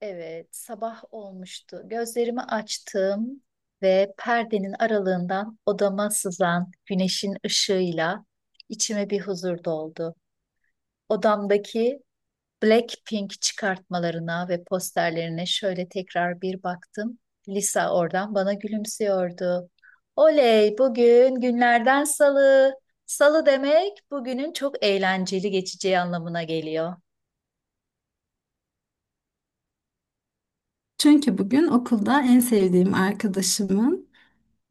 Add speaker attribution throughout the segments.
Speaker 1: Evet, sabah olmuştu. Gözlerimi açtım ve perdenin aralığından odama sızan güneşin ışığıyla içime bir huzur doldu. Odamdaki Blackpink çıkartmalarına ve posterlerine şöyle tekrar bir baktım. Lisa oradan bana gülümsüyordu. Oley, bugün günlerden salı. Salı demek bugünün çok eğlenceli geçeceği anlamına geliyor.
Speaker 2: Çünkü bugün okulda en sevdiğim arkadaşımın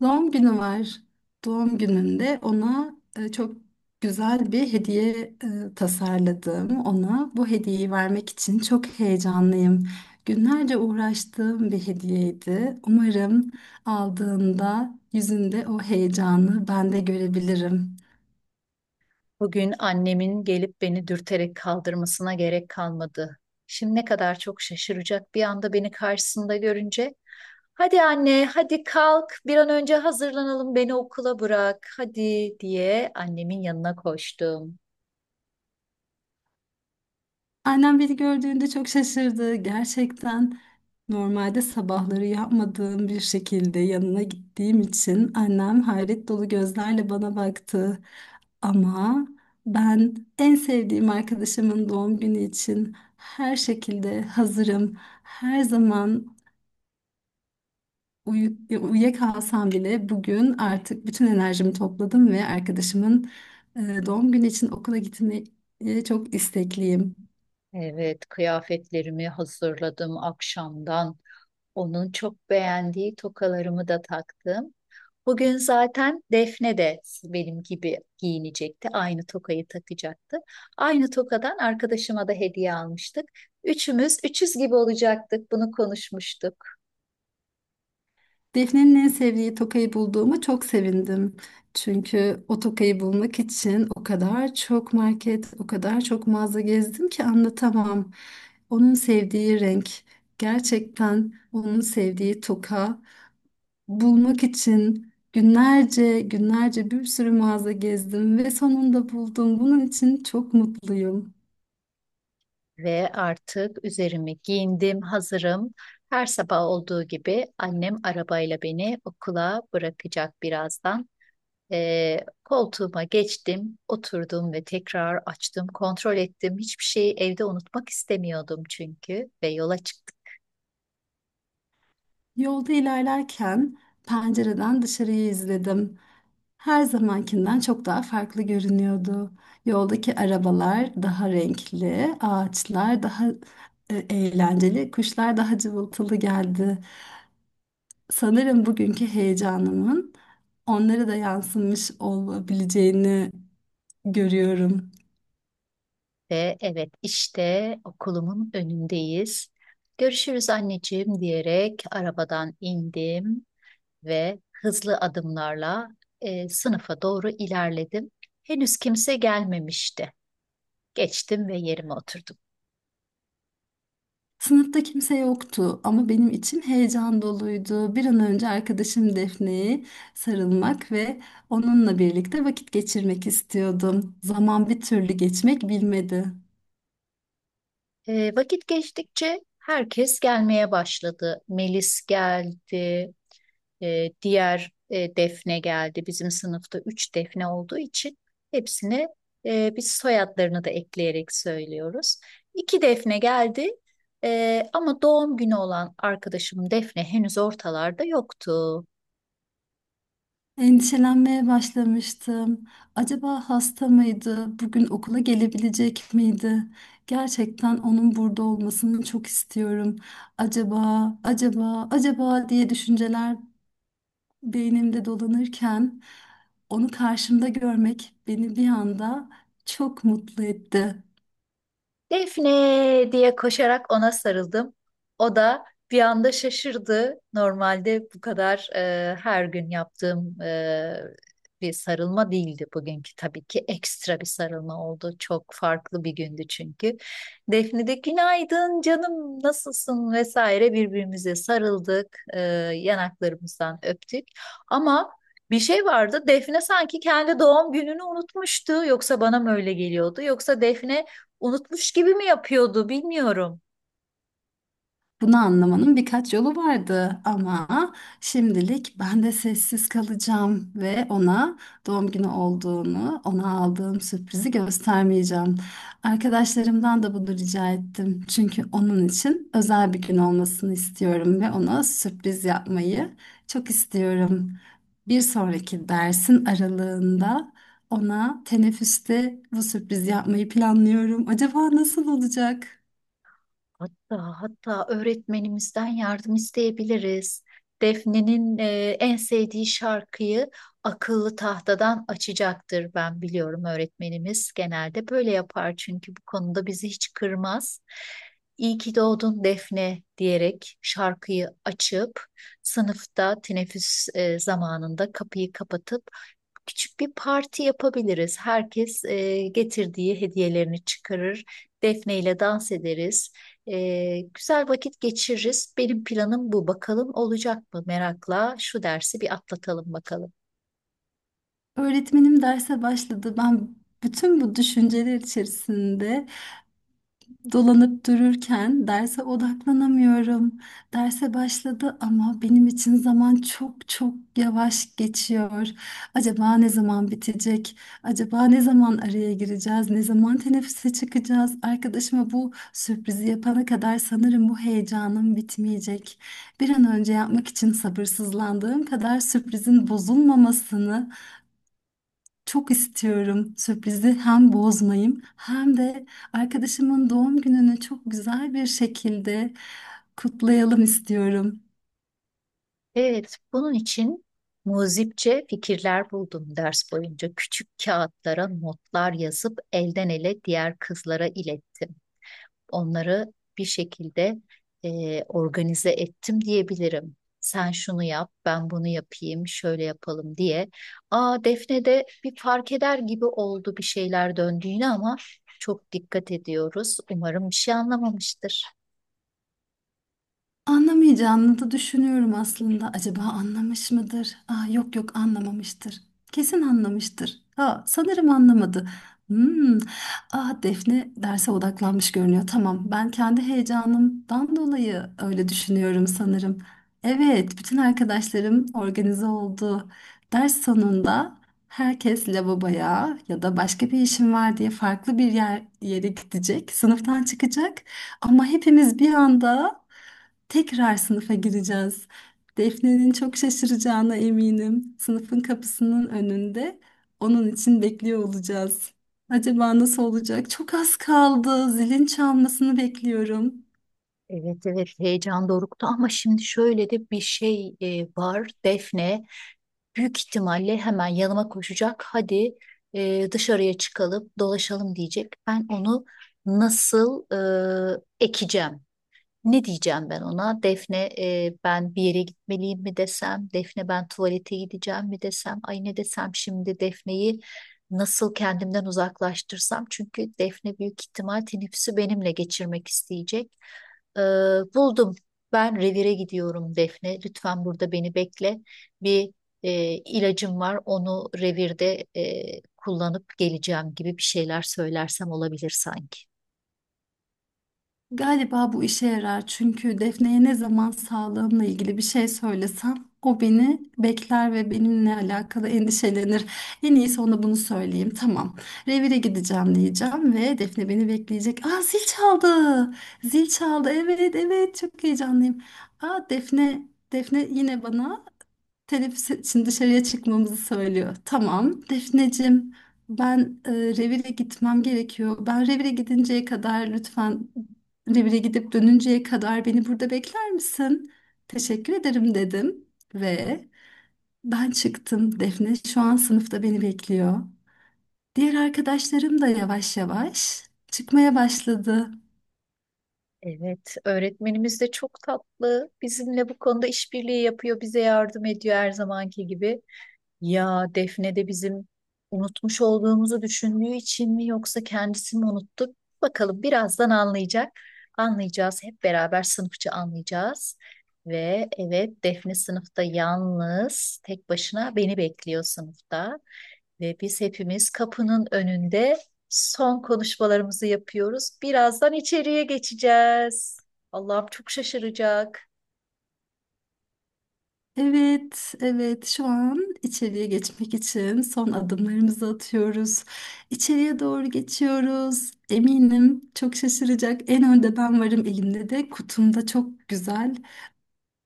Speaker 2: doğum günü var. Doğum gününde ona çok güzel bir hediye tasarladım. Ona bu hediyeyi vermek için çok heyecanlıyım. Günlerce uğraştığım bir hediyeydi. Umarım aldığında yüzünde o heyecanı ben de görebilirim.
Speaker 1: Bugün annemin gelip beni dürterek kaldırmasına gerek kalmadı. Şimdi ne kadar çok şaşıracak bir anda beni karşısında görünce. Hadi anne, hadi kalk, bir an önce hazırlanalım, beni okula bırak, hadi diye annemin yanına koştum.
Speaker 2: Annem beni gördüğünde çok şaşırdı. Gerçekten normalde sabahları yapmadığım bir şekilde yanına gittiğim için annem hayret dolu gözlerle bana baktı. Ama ben en sevdiğim arkadaşımın doğum günü için her şekilde hazırım. Her zaman uyuyakalsam bile bugün artık bütün enerjimi topladım ve arkadaşımın doğum günü için okula gitmeyi çok istekliyim.
Speaker 1: Evet, kıyafetlerimi hazırladım akşamdan. Onun çok beğendiği tokalarımı da taktım. Bugün zaten Defne de benim gibi giyinecekti. Aynı tokayı takacaktı. Aynı tokadan arkadaşıma da hediye almıştık. Üçümüz üçüz gibi olacaktık. Bunu konuşmuştuk.
Speaker 2: Defne'nin en sevdiği tokayı bulduğuma çok sevindim. Çünkü o tokayı bulmak için o kadar çok market, o kadar çok mağaza gezdim ki anlatamam. Onun sevdiği renk, gerçekten onun sevdiği toka bulmak için günlerce, günlerce bir sürü mağaza gezdim ve sonunda buldum. Bunun için çok mutluyum.
Speaker 1: Ve artık üzerimi giyindim, hazırım. Her sabah olduğu gibi annem arabayla beni okula bırakacak birazdan. Ee, Koltuğuma geçtim, oturdum ve tekrar açtım, kontrol ettim. Hiçbir şeyi evde unutmak istemiyordum çünkü ve yola çıktım.
Speaker 2: Yolda ilerlerken pencereden dışarıyı izledim. Her zamankinden çok daha farklı görünüyordu. Yoldaki arabalar daha renkli, ağaçlar daha eğlenceli, kuşlar daha cıvıltılı geldi. Sanırım bugünkü heyecanımın onlara da yansımış olabileceğini görüyorum.
Speaker 1: Ve evet işte okulumun önündeyiz. Görüşürüz anneciğim diyerek arabadan indim ve hızlı adımlarla sınıfa doğru ilerledim. Henüz kimse gelmemişti. Geçtim ve yerime oturdum.
Speaker 2: Sınıfta kimse yoktu ama benim için heyecan doluydu. Bir an önce arkadaşım Defne'ye sarılmak ve onunla birlikte vakit geçirmek istiyordum. Zaman bir türlü geçmek bilmedi.
Speaker 1: Vakit geçtikçe herkes gelmeye başladı. Melis geldi, diğer defne geldi. Bizim sınıfta üç defne olduğu için hepsine biz soyadlarını da ekleyerek söylüyoruz. İki defne geldi. Ama doğum günü olan arkadaşım Defne henüz ortalarda yoktu.
Speaker 2: Endişelenmeye başlamıştım. Acaba hasta mıydı? Bugün okula gelebilecek miydi? Gerçekten onun burada olmasını çok istiyorum. Acaba, acaba, acaba diye düşünceler beynimde dolanırken onu karşımda görmek beni bir anda çok mutlu etti.
Speaker 1: Defne diye koşarak ona sarıldım. O da bir anda şaşırdı. Normalde bu kadar her gün yaptığım bir sarılma değildi bugünkü, tabii ki ekstra bir sarılma oldu. Çok farklı bir gündü çünkü. Defne de günaydın canım nasılsın vesaire birbirimize sarıldık. Yanaklarımızdan öptük. Ama bir şey vardı. Defne sanki kendi doğum gününü unutmuştu. Yoksa bana mı öyle geliyordu? Yoksa Defne unutmuş gibi mi yapıyordu bilmiyorum.
Speaker 2: Bunu anlamanın birkaç yolu vardı ama şimdilik ben de sessiz kalacağım ve ona doğum günü olduğunu, ona aldığım sürprizi göstermeyeceğim. Arkadaşlarımdan da bunu rica ettim. Çünkü onun için özel bir gün olmasını istiyorum ve ona sürpriz yapmayı çok istiyorum. Bir sonraki dersin aralığında ona teneffüste bu sürprizi yapmayı planlıyorum. Acaba nasıl olacak?
Speaker 1: Hatta öğretmenimizden yardım isteyebiliriz. Defne'nin en sevdiği şarkıyı akıllı tahtadan açacaktır, ben biliyorum, öğretmenimiz genelde böyle yapar çünkü bu konuda bizi hiç kırmaz. İyi ki doğdun Defne diyerek şarkıyı açıp sınıfta teneffüs zamanında kapıyı kapatıp küçük bir parti yapabiliriz. Herkes getirdiği hediyelerini çıkarır. Defne ile dans ederiz. Güzel vakit geçiririz. Benim planım bu. Bakalım olacak mı? Merakla şu dersi bir atlatalım bakalım.
Speaker 2: Öğretmenim derse başladı. Ben bütün bu düşünceler içerisinde dolanıp dururken derse odaklanamıyorum. Derse başladı ama benim için zaman çok çok yavaş geçiyor. Acaba ne zaman bitecek? Acaba ne zaman araya gireceğiz? Ne zaman teneffüse çıkacağız? Arkadaşıma bu sürprizi yapana kadar sanırım bu heyecanım bitmeyecek. Bir an önce yapmak için sabırsızlandığım kadar sürprizin bozulmamasını çok istiyorum, sürprizi hem bozmayayım hem de arkadaşımın doğum gününü çok güzel bir şekilde kutlayalım istiyorum.
Speaker 1: Evet, bunun için muzipçe fikirler buldum ders boyunca. Küçük kağıtlara notlar yazıp elden ele diğer kızlara ilettim. Onları bir şekilde organize ettim diyebilirim. Sen şunu yap, ben bunu yapayım, şöyle yapalım diye. Aa, Defne de bir fark eder gibi oldu bir şeyler döndüğünü, ama çok dikkat ediyoruz. Umarım bir şey anlamamıştır.
Speaker 2: Anlamayacağını da düşünüyorum aslında. Acaba anlamış mıdır? Aa, yok yok anlamamıştır. Kesin anlamıştır. Ha, sanırım anlamadı. Hmm. Ah Defne derse odaklanmış görünüyor. Tamam, ben kendi heyecanımdan dolayı öyle düşünüyorum sanırım. Evet, bütün arkadaşlarım organize oldu. Ders sonunda herkes lavaboya ya da başka bir işim var diye farklı bir yere gidecek, sınıftan çıkacak. Ama hepimiz bir anda tekrar sınıfa gireceğiz. Defne'nin çok şaşıracağına eminim. Sınıfın kapısının önünde onun için bekliyor olacağız. Acaba nasıl olacak? Çok az kaldı. Zilin çalmasını bekliyorum.
Speaker 1: Evet evet, heyecan doruktu ama şimdi şöyle de bir şey var Defne. Büyük ihtimalle hemen yanıma koşacak. Hadi dışarıya çıkalım, dolaşalım diyecek. Ben onu nasıl ekeceğim? Ne diyeceğim ben ona? Defne, ben bir yere gitmeliyim mi desem? Defne ben tuvalete gideceğim mi desem? Ay ne desem şimdi, Defne'yi nasıl kendimden uzaklaştırsam? Çünkü Defne büyük ihtimal teneffüsü benimle geçirmek isteyecek. Ee, Buldum. Ben revire gidiyorum Defne. Lütfen burada beni bekle. Bir e, ilacım var. Onu revirde kullanıp geleceğim gibi bir şeyler söylersem olabilir sanki.
Speaker 2: Galiba bu işe yarar çünkü Defne'ye ne zaman sağlığımla ilgili bir şey söylesem o beni bekler ve benimle alakalı endişelenir. En iyisi ona bunu söyleyeyim. Tamam. Revire gideceğim diyeceğim ve Defne beni bekleyecek. Aa zil çaldı. Zil çaldı. Evet, evet, çok heyecanlıyım. Aa Defne, Defne yine bana teneffüs için dışarıya çıkmamızı söylüyor. Tamam Defneciğim ben revire gitmem gerekiyor. Ben revire gidinceye kadar lütfen Revire gidip dönünceye kadar beni burada bekler misin? Teşekkür ederim dedim ve ben çıktım. Defne şu an sınıfta beni bekliyor. Diğer arkadaşlarım da yavaş yavaş çıkmaya başladı.
Speaker 1: Evet, öğretmenimiz de çok tatlı. Bizimle bu konuda işbirliği yapıyor, bize yardım ediyor her zamanki gibi. Ya Defne de bizim unutmuş olduğumuzu düşündüğü için mi yoksa kendisi mi unuttu? Bakalım birazdan anlayacak. Anlayacağız, hep beraber sınıfça anlayacağız. Ve evet, Defne sınıfta yalnız tek başına beni bekliyor sınıfta. Ve biz hepimiz kapının önünde son konuşmalarımızı yapıyoruz. Birazdan içeriye geçeceğiz. Allah'ım, çok şaşıracak.
Speaker 2: Evet, evet. Şu an içeriye geçmek için son adımlarımızı atıyoruz. İçeriye doğru geçiyoruz. Eminim çok şaşıracak. En önde ben varım. Elimde de kutumda çok güzel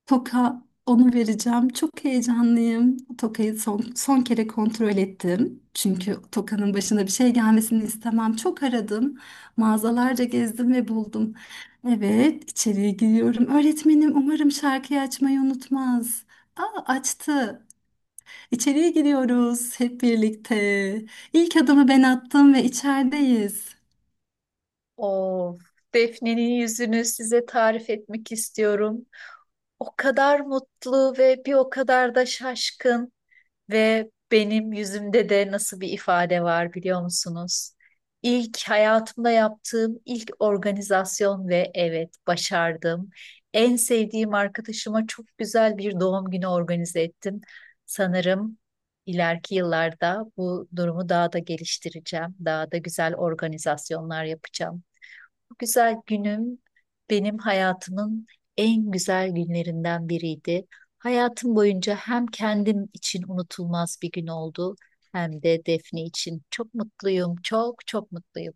Speaker 2: toka, onu vereceğim. Çok heyecanlıyım. Tokayı son kere kontrol ettim. Çünkü Toka'nın başına bir şey gelmesini istemem. Çok aradım. Mağazalarca gezdim ve buldum. Evet, içeriye giriyorum. Öğretmenim umarım şarkıyı açmayı unutmaz. Aa, açtı. İçeriye giriyoruz hep birlikte. İlk adımı ben attım ve içerideyiz.
Speaker 1: Of. Defne'nin yüzünü size tarif etmek istiyorum. O kadar mutlu ve bir o kadar da şaşkın, ve benim yüzümde de nasıl bir ifade var biliyor musunuz? İlk hayatımda yaptığım ilk organizasyon ve evet, başardım. En sevdiğim arkadaşıma çok güzel bir doğum günü organize ettim. Sanırım ileriki yıllarda bu durumu daha da geliştireceğim. Daha da güzel organizasyonlar yapacağım. Bu güzel günüm benim hayatımın en güzel günlerinden biriydi. Hayatım boyunca hem kendim için unutulmaz bir gün oldu, hem de Defne için. Çok mutluyum, çok çok mutluyum.